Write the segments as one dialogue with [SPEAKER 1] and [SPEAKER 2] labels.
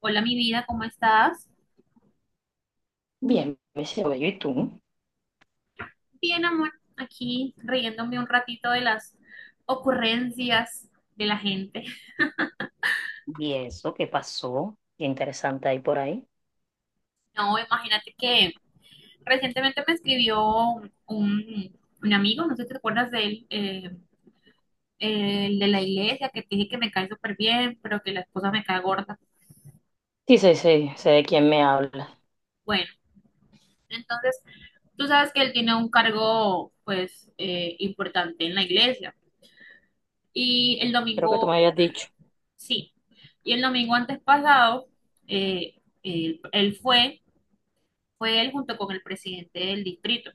[SPEAKER 1] Hola, mi vida, ¿cómo estás?
[SPEAKER 2] Bien, me llevo yo y tú.
[SPEAKER 1] Bien, amor, aquí riéndome un ratito de las ocurrencias de la gente.
[SPEAKER 2] ¿Y eso qué pasó? Qué interesante ahí por ahí.
[SPEAKER 1] No, imagínate que recientemente me escribió un amigo, no sé si te acuerdas de él, el de la iglesia, que te dije que me cae súper bien, pero que la esposa me cae gorda.
[SPEAKER 2] Sí, sí, sí, sé de quién me habla.
[SPEAKER 1] Bueno, entonces tú sabes que él tiene un cargo, pues, importante en la iglesia. Y el
[SPEAKER 2] Creo que tú me
[SPEAKER 1] domingo.
[SPEAKER 2] habías dicho.
[SPEAKER 1] Sí, y el domingo antes pasado, eh, él, él fue, fue él junto con el presidente del distrito.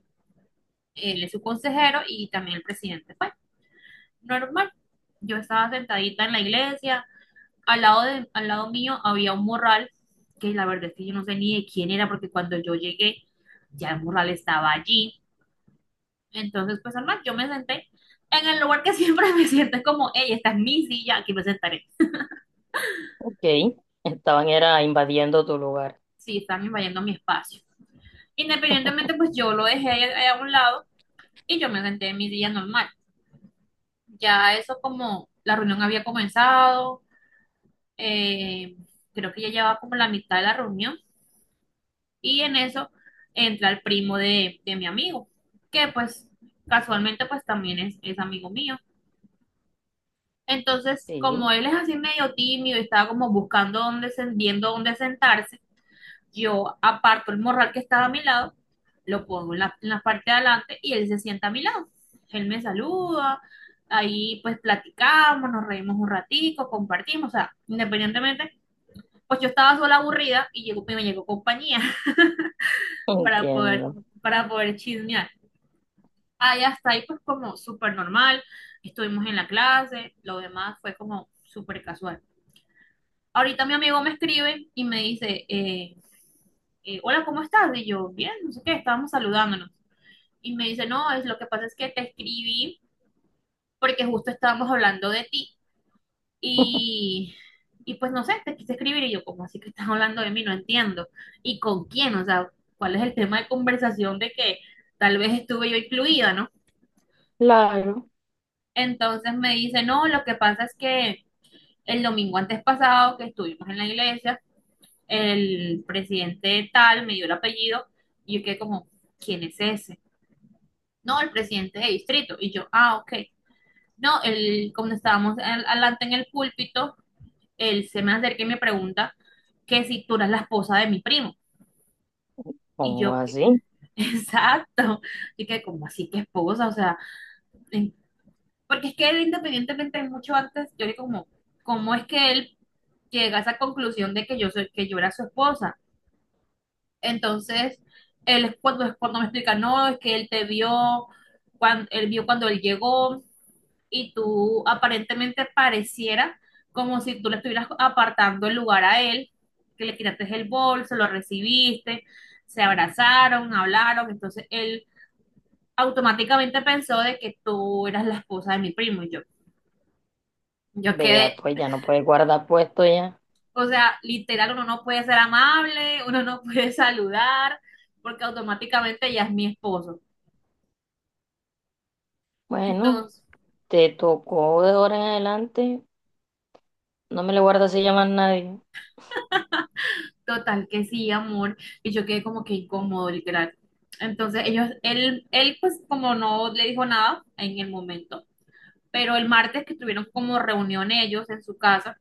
[SPEAKER 1] Él es su consejero y también el presidente fue. Normal. Yo estaba sentadita en la iglesia, al lado mío había un morral, que la verdad es que yo no sé ni de quién era, porque cuando yo llegué, ya el morral estaba allí. Entonces, pues normal, yo me senté en el lugar que siempre me siento, es como, hey, esta es mi silla, aquí me sentaré.
[SPEAKER 2] Ok, estaban era invadiendo tu lugar.
[SPEAKER 1] Sí, están invadiendo mi espacio. Independientemente, pues yo lo dejé ahí a un lado y yo me senté en mi día normal. Ya eso como la reunión había comenzado, eh, creo que ya llevaba como la mitad de la reunión y en eso entra el primo de mi amigo, que pues casualmente pues también es amigo mío. Entonces,
[SPEAKER 2] Sí,
[SPEAKER 1] como él es así medio tímido y estaba como buscando dónde, viendo dónde sentarse, yo aparto el morral que estaba a mi lado, lo pongo en en la parte de adelante y él se sienta a mi lado. Él me saluda, ahí pues platicamos, nos reímos un ratico, compartimos, o sea, independientemente, pues yo estaba sola aburrida y me llegó compañía. para poder,
[SPEAKER 2] entiendo.
[SPEAKER 1] para poder chismear. Ahí hasta ahí pues como súper normal, estuvimos en la clase, lo demás fue como súper casual. Ahorita mi amigo me escribe y me dice, hola, ¿cómo estás? Y yo, bien, no sé qué, estábamos saludándonos. Y me dice, no, es lo que pasa es que te escribí porque justo estábamos hablando de ti y, y pues no sé, te quise escribir y yo, ¿cómo así que estás hablando de mí? No entiendo. ¿Y con quién? O sea, ¿cuál es el tema de conversación de que tal vez estuve yo incluida, ¿no?
[SPEAKER 2] Claro,
[SPEAKER 1] Entonces me dice, no, lo que pasa es que el domingo antes pasado que estuvimos en la iglesia, el presidente tal me dio el apellido y yo quedé como, ¿quién es ese? No, el presidente de distrito. Y yo, ah, ok. No, él, como estábamos adelante en el púlpito, él se me acerca y me pregunta que si tú eras la esposa de mi primo. Y
[SPEAKER 2] ¿cómo
[SPEAKER 1] yo, ¿qué?
[SPEAKER 2] así?
[SPEAKER 1] Exacto. Y que como así que esposa, o sea, en- porque es que él independientemente mucho antes, yo le como, ¿cómo es que él llega a esa conclusión de que yo soy, que yo era su esposa? Entonces, es cuando me explica, no, es que él te vio cuando él llegó y tú aparentemente pareciera como si tú le estuvieras apartando el lugar a él, que le tiraste el bolso, lo recibiste, se abrazaron, hablaron, entonces él automáticamente pensó de que tú eras la esposa de mi primo y yo quedé,
[SPEAKER 2] Vea, pues ya no puedes guardar puesto ya.
[SPEAKER 1] o sea, literal, uno no puede ser amable, uno no puede saludar, porque automáticamente ya es mi esposo.
[SPEAKER 2] Bueno,
[SPEAKER 1] Entonces,
[SPEAKER 2] te tocó de ahora en adelante. No me le guardas se llama a nadie.
[SPEAKER 1] total que sí, amor. Y yo quedé como que incómodo, literal. Entonces él pues como no le dijo nada en el momento, pero el martes que tuvieron como reunión ellos en su casa,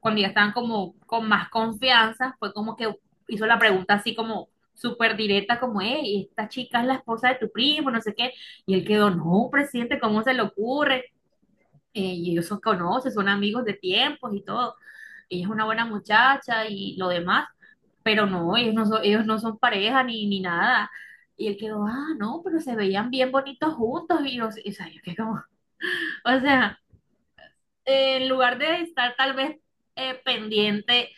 [SPEAKER 1] cuando ya estaban como con más confianza, fue como que hizo la pregunta así como súper directa, como, hey, esta chica es la esposa de tu primo, no sé qué. Y él quedó, no, presidente, ¿cómo se le ocurre? Y ellos son conocen, son amigos de tiempos y todo. Ella es una buena muchacha y lo demás, pero no, ellos no son pareja ni nada. Y él quedó, ah, no, pero se veían bien bonitos juntos. Y yo, y, o sea, yo quedé como, o sea, en lugar de estar tal vez pendiente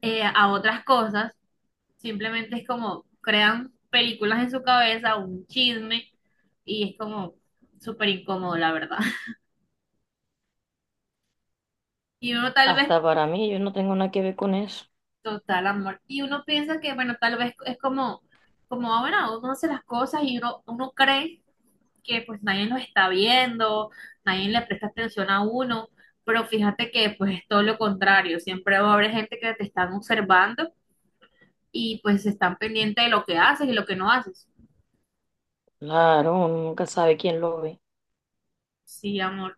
[SPEAKER 1] a otras cosas, simplemente es como crean películas en su cabeza, un chisme, y es como súper incómodo, la verdad. Y uno tal vez,
[SPEAKER 2] Hasta para mí, yo no tengo nada que ver con eso.
[SPEAKER 1] total amor, y uno piensa que, bueno, tal vez es como, como, ah, bueno, uno hace las cosas y uno cree que pues nadie los está viendo, nadie le presta atención a uno, pero fíjate que pues es todo lo contrario, siempre va a haber gente que te están observando y pues están pendientes de lo que haces y lo que no haces.
[SPEAKER 2] Claro, uno nunca sabe quién lo ve.
[SPEAKER 1] Sí, amor.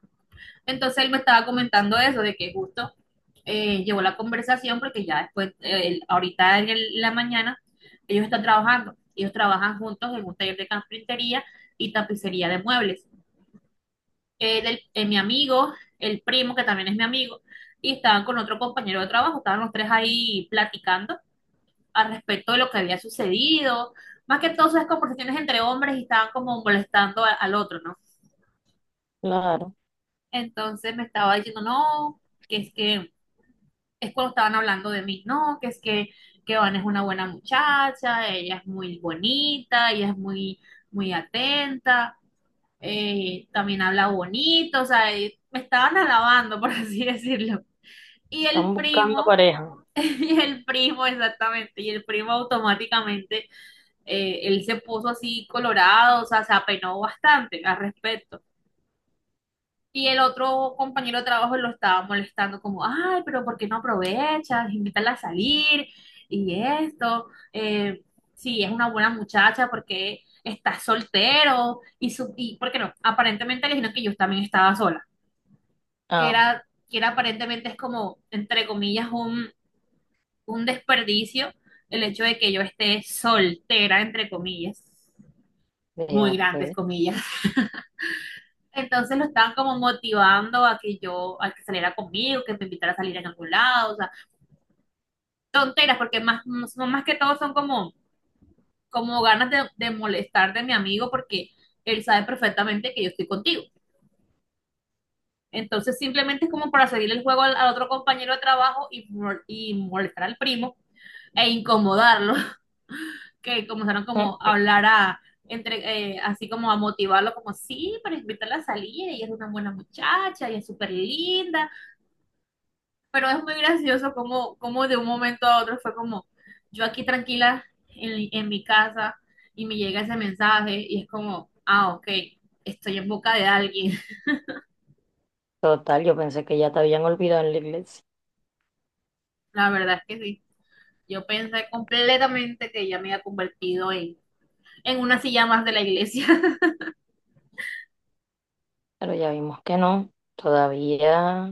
[SPEAKER 1] Entonces él me estaba comentando eso, de que justo llevó la conversación porque ya después, ahorita en la mañana, ellos están trabajando, ellos trabajan juntos en un taller de carpintería y tapicería de muebles. Mi amigo, el primo, que también es mi amigo, y estaban con otro compañero de trabajo, estaban los tres ahí platicando al respecto de lo que había sucedido, más que todas esas conversaciones entre hombres y estaban como molestando al otro, ¿no?
[SPEAKER 2] Claro.
[SPEAKER 1] Entonces me estaba diciendo, no, que es cuando estaban hablando de mí, no, que Van es una buena muchacha, ella es muy bonita, ella es muy, muy atenta, también habla bonito, o sea, y me estaban alabando, por así decirlo. Y
[SPEAKER 2] Están
[SPEAKER 1] el
[SPEAKER 2] buscando
[SPEAKER 1] primo,
[SPEAKER 2] pareja.
[SPEAKER 1] y el primo exactamente, y el primo automáticamente, él se puso así colorado, o sea, se apenó bastante al respecto. Y el otro compañero de trabajo lo estaba molestando como, ay, pero ¿por qué no aprovechas? Invítala a salir y esto. Si es una buena muchacha, ¿porque estás soltero? Y, y ¿por qué no? Aparentemente le dijeron que yo también estaba sola, que
[SPEAKER 2] Ah,
[SPEAKER 1] era, que era aparentemente es como, entre comillas, un desperdicio el hecho de que yo esté soltera, entre comillas, muy
[SPEAKER 2] vea,
[SPEAKER 1] grandes
[SPEAKER 2] pues.
[SPEAKER 1] comillas. Entonces lo estaban como motivando a que yo, a que saliera conmigo, que me invitara a salir en algún lado, o sea, tonteras, más que todo son como, como ganas de molestar de mi amigo porque él sabe perfectamente que yo estoy contigo. Entonces simplemente es como para seguir el juego al otro compañero de trabajo y molestar al primo e incomodarlo. Que comenzaron como
[SPEAKER 2] Mm,
[SPEAKER 1] a hablar a, entre, así como a motivarlo, como sí, para invitarla a salir, ella es una buena muchacha, ella es súper linda, pero es muy gracioso como, como de un momento a otro fue como, yo aquí tranquila en mi casa y me llega ese mensaje y es como, ah, ok, estoy en boca de alguien.
[SPEAKER 2] total, yo pensé que ya te habían olvidado en la iglesia,
[SPEAKER 1] La verdad es que sí. Yo pensé completamente que ella me había convertido en una silla más de la iglesia.
[SPEAKER 2] pero ya vimos que no. Todavía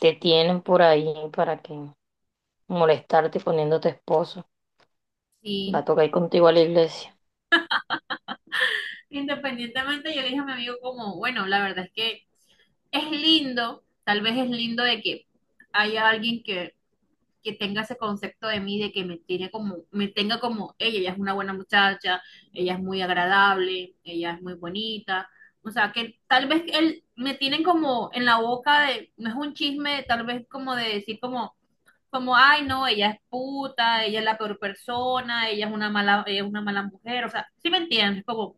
[SPEAKER 2] te tienen por ahí para que molestarte poniéndote esposo. Va
[SPEAKER 1] Sí.
[SPEAKER 2] a tocar ir contigo a la iglesia.
[SPEAKER 1] Independientemente, yo le dije a mi amigo como, bueno, la verdad es que es lindo, tal vez es lindo de que haya alguien que tenga ese concepto de mí, de que me tiene como, me tenga como ella es una buena muchacha, ella es muy agradable, ella es muy bonita. O sea, que tal vez él me tienen como en la boca de, no es un chisme, tal vez como de decir como, como, ay, no, ella es puta, ella es la peor persona, ella es una mala, ella es una mala mujer, o sea, ¿sí me entiendes? Como,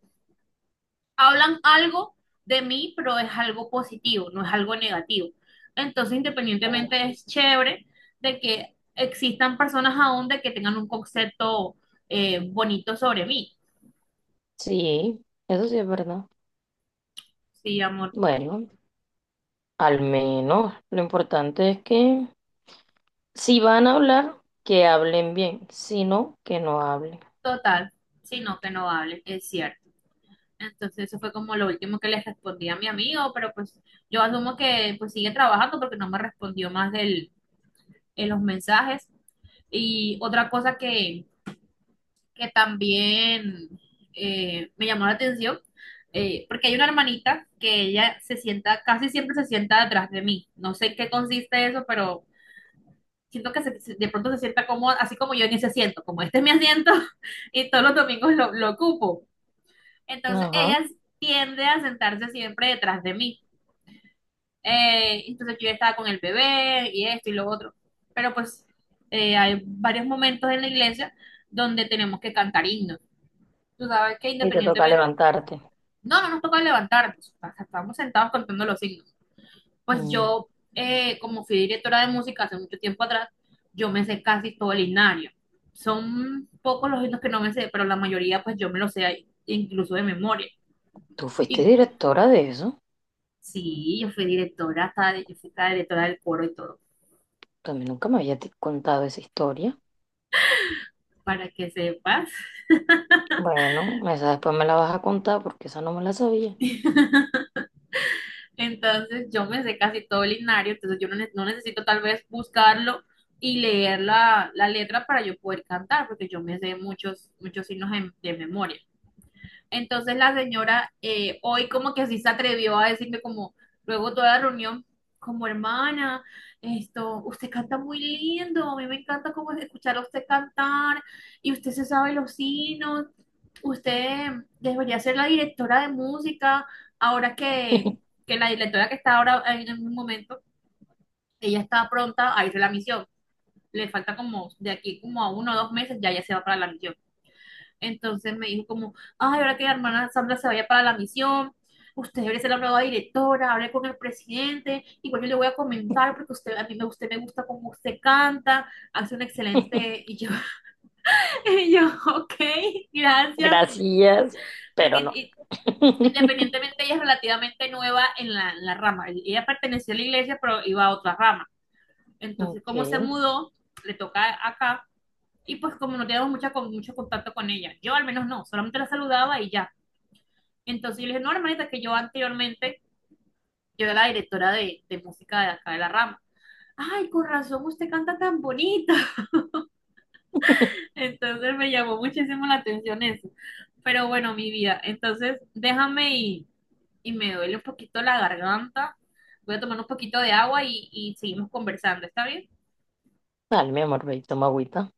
[SPEAKER 1] hablan algo de mí, pero es algo positivo, no es algo negativo. Entonces, independientemente, es chévere de que existan personas aún de que tengan un concepto bonito sobre mí.
[SPEAKER 2] Sí, eso sí es verdad.
[SPEAKER 1] Sí, amor,
[SPEAKER 2] Bueno, al menos lo importante es que si van a hablar, que hablen bien, si no, que no hablen.
[SPEAKER 1] total, sino que no hable es cierto. Entonces, eso fue como lo último que les respondí a mi amigo, pero pues yo asumo que pues sigue trabajando porque no me respondió más en los mensajes. Y otra cosa que también me llamó la atención, porque hay una hermanita que ella se sienta, casi siempre se sienta atrás de mí. No sé en qué consiste eso, pero siento que de pronto se sienta cómoda, así como yo en ese asiento, como este es mi asiento y todos los domingos lo ocupo. Entonces
[SPEAKER 2] Ajá.
[SPEAKER 1] ella tiende a sentarse siempre detrás de mí. Entonces yo ya estaba con el bebé y esto y lo otro. Pero pues hay varios momentos en la iglesia donde tenemos que cantar himnos. Tú sabes que
[SPEAKER 2] Y te toca
[SPEAKER 1] independientemente,
[SPEAKER 2] levantarte.
[SPEAKER 1] no nos toca levantarnos, o sea, estábamos sentados contando los signos. Pues
[SPEAKER 2] Mm.
[SPEAKER 1] yo, como fui directora de música hace mucho tiempo atrás, yo me sé casi todo el himnario. Son pocos los himnos que no me sé, pero la mayoría pues yo me los sé incluso de memoria.
[SPEAKER 2] Tú fuiste
[SPEAKER 1] Y
[SPEAKER 2] directora de eso.
[SPEAKER 1] sí, yo fui hasta directora del coro y todo,
[SPEAKER 2] También nunca me había contado esa historia.
[SPEAKER 1] para que sepas.
[SPEAKER 2] Bueno, esa después me la vas a contar porque esa no me la sabía.
[SPEAKER 1] Entonces yo me sé casi todo el linario, entonces yo no, ne- no necesito tal vez buscarlo y leer la letra para yo poder cantar, porque yo me sé muchos, muchos signos de memoria. Entonces la señora hoy como que así se atrevió a decirme como luego toda la reunión, como hermana, esto, usted canta muy lindo, a mí me encanta como escuchar a usted cantar y usted se sabe los signos, usted debería ser la directora de música, ahora que la directora que está ahora en un momento, ella está pronta a irse a la misión, le falta como de aquí como a uno o dos meses, ya se va para la misión. Entonces me dijo como, ay, ahora que la hermana Sandra se vaya para la misión, usted debe ser la nueva directora, hable con el presidente, igual yo le voy a comentar porque usted, a mí me, usted me gusta cómo usted canta, hace un excelente, y yo, y yo, ok, gracias,
[SPEAKER 2] Gracias,
[SPEAKER 1] porque
[SPEAKER 2] pero no.
[SPEAKER 1] i- independientemente ella es relativamente nueva en en la rama, ella perteneció a la iglesia pero iba a otra rama, entonces como se
[SPEAKER 2] Ok.
[SPEAKER 1] mudó, le toca acá. Y pues como no teníamos mucha, mucho contacto con ella, yo al menos no, solamente la saludaba y ya. Entonces yo le dije, no, hermanita, que yo anteriormente, yo era la directora de música de acá de la rama. Ay, con razón, usted canta tan bonito. Entonces me llamó muchísimo la atención eso. Pero bueno, mi vida, entonces déjame y me duele un poquito la garganta. Voy a tomar un poquito de agua y seguimos conversando, ¿está bien?
[SPEAKER 2] Dale, mi amor, ve y toma agüita.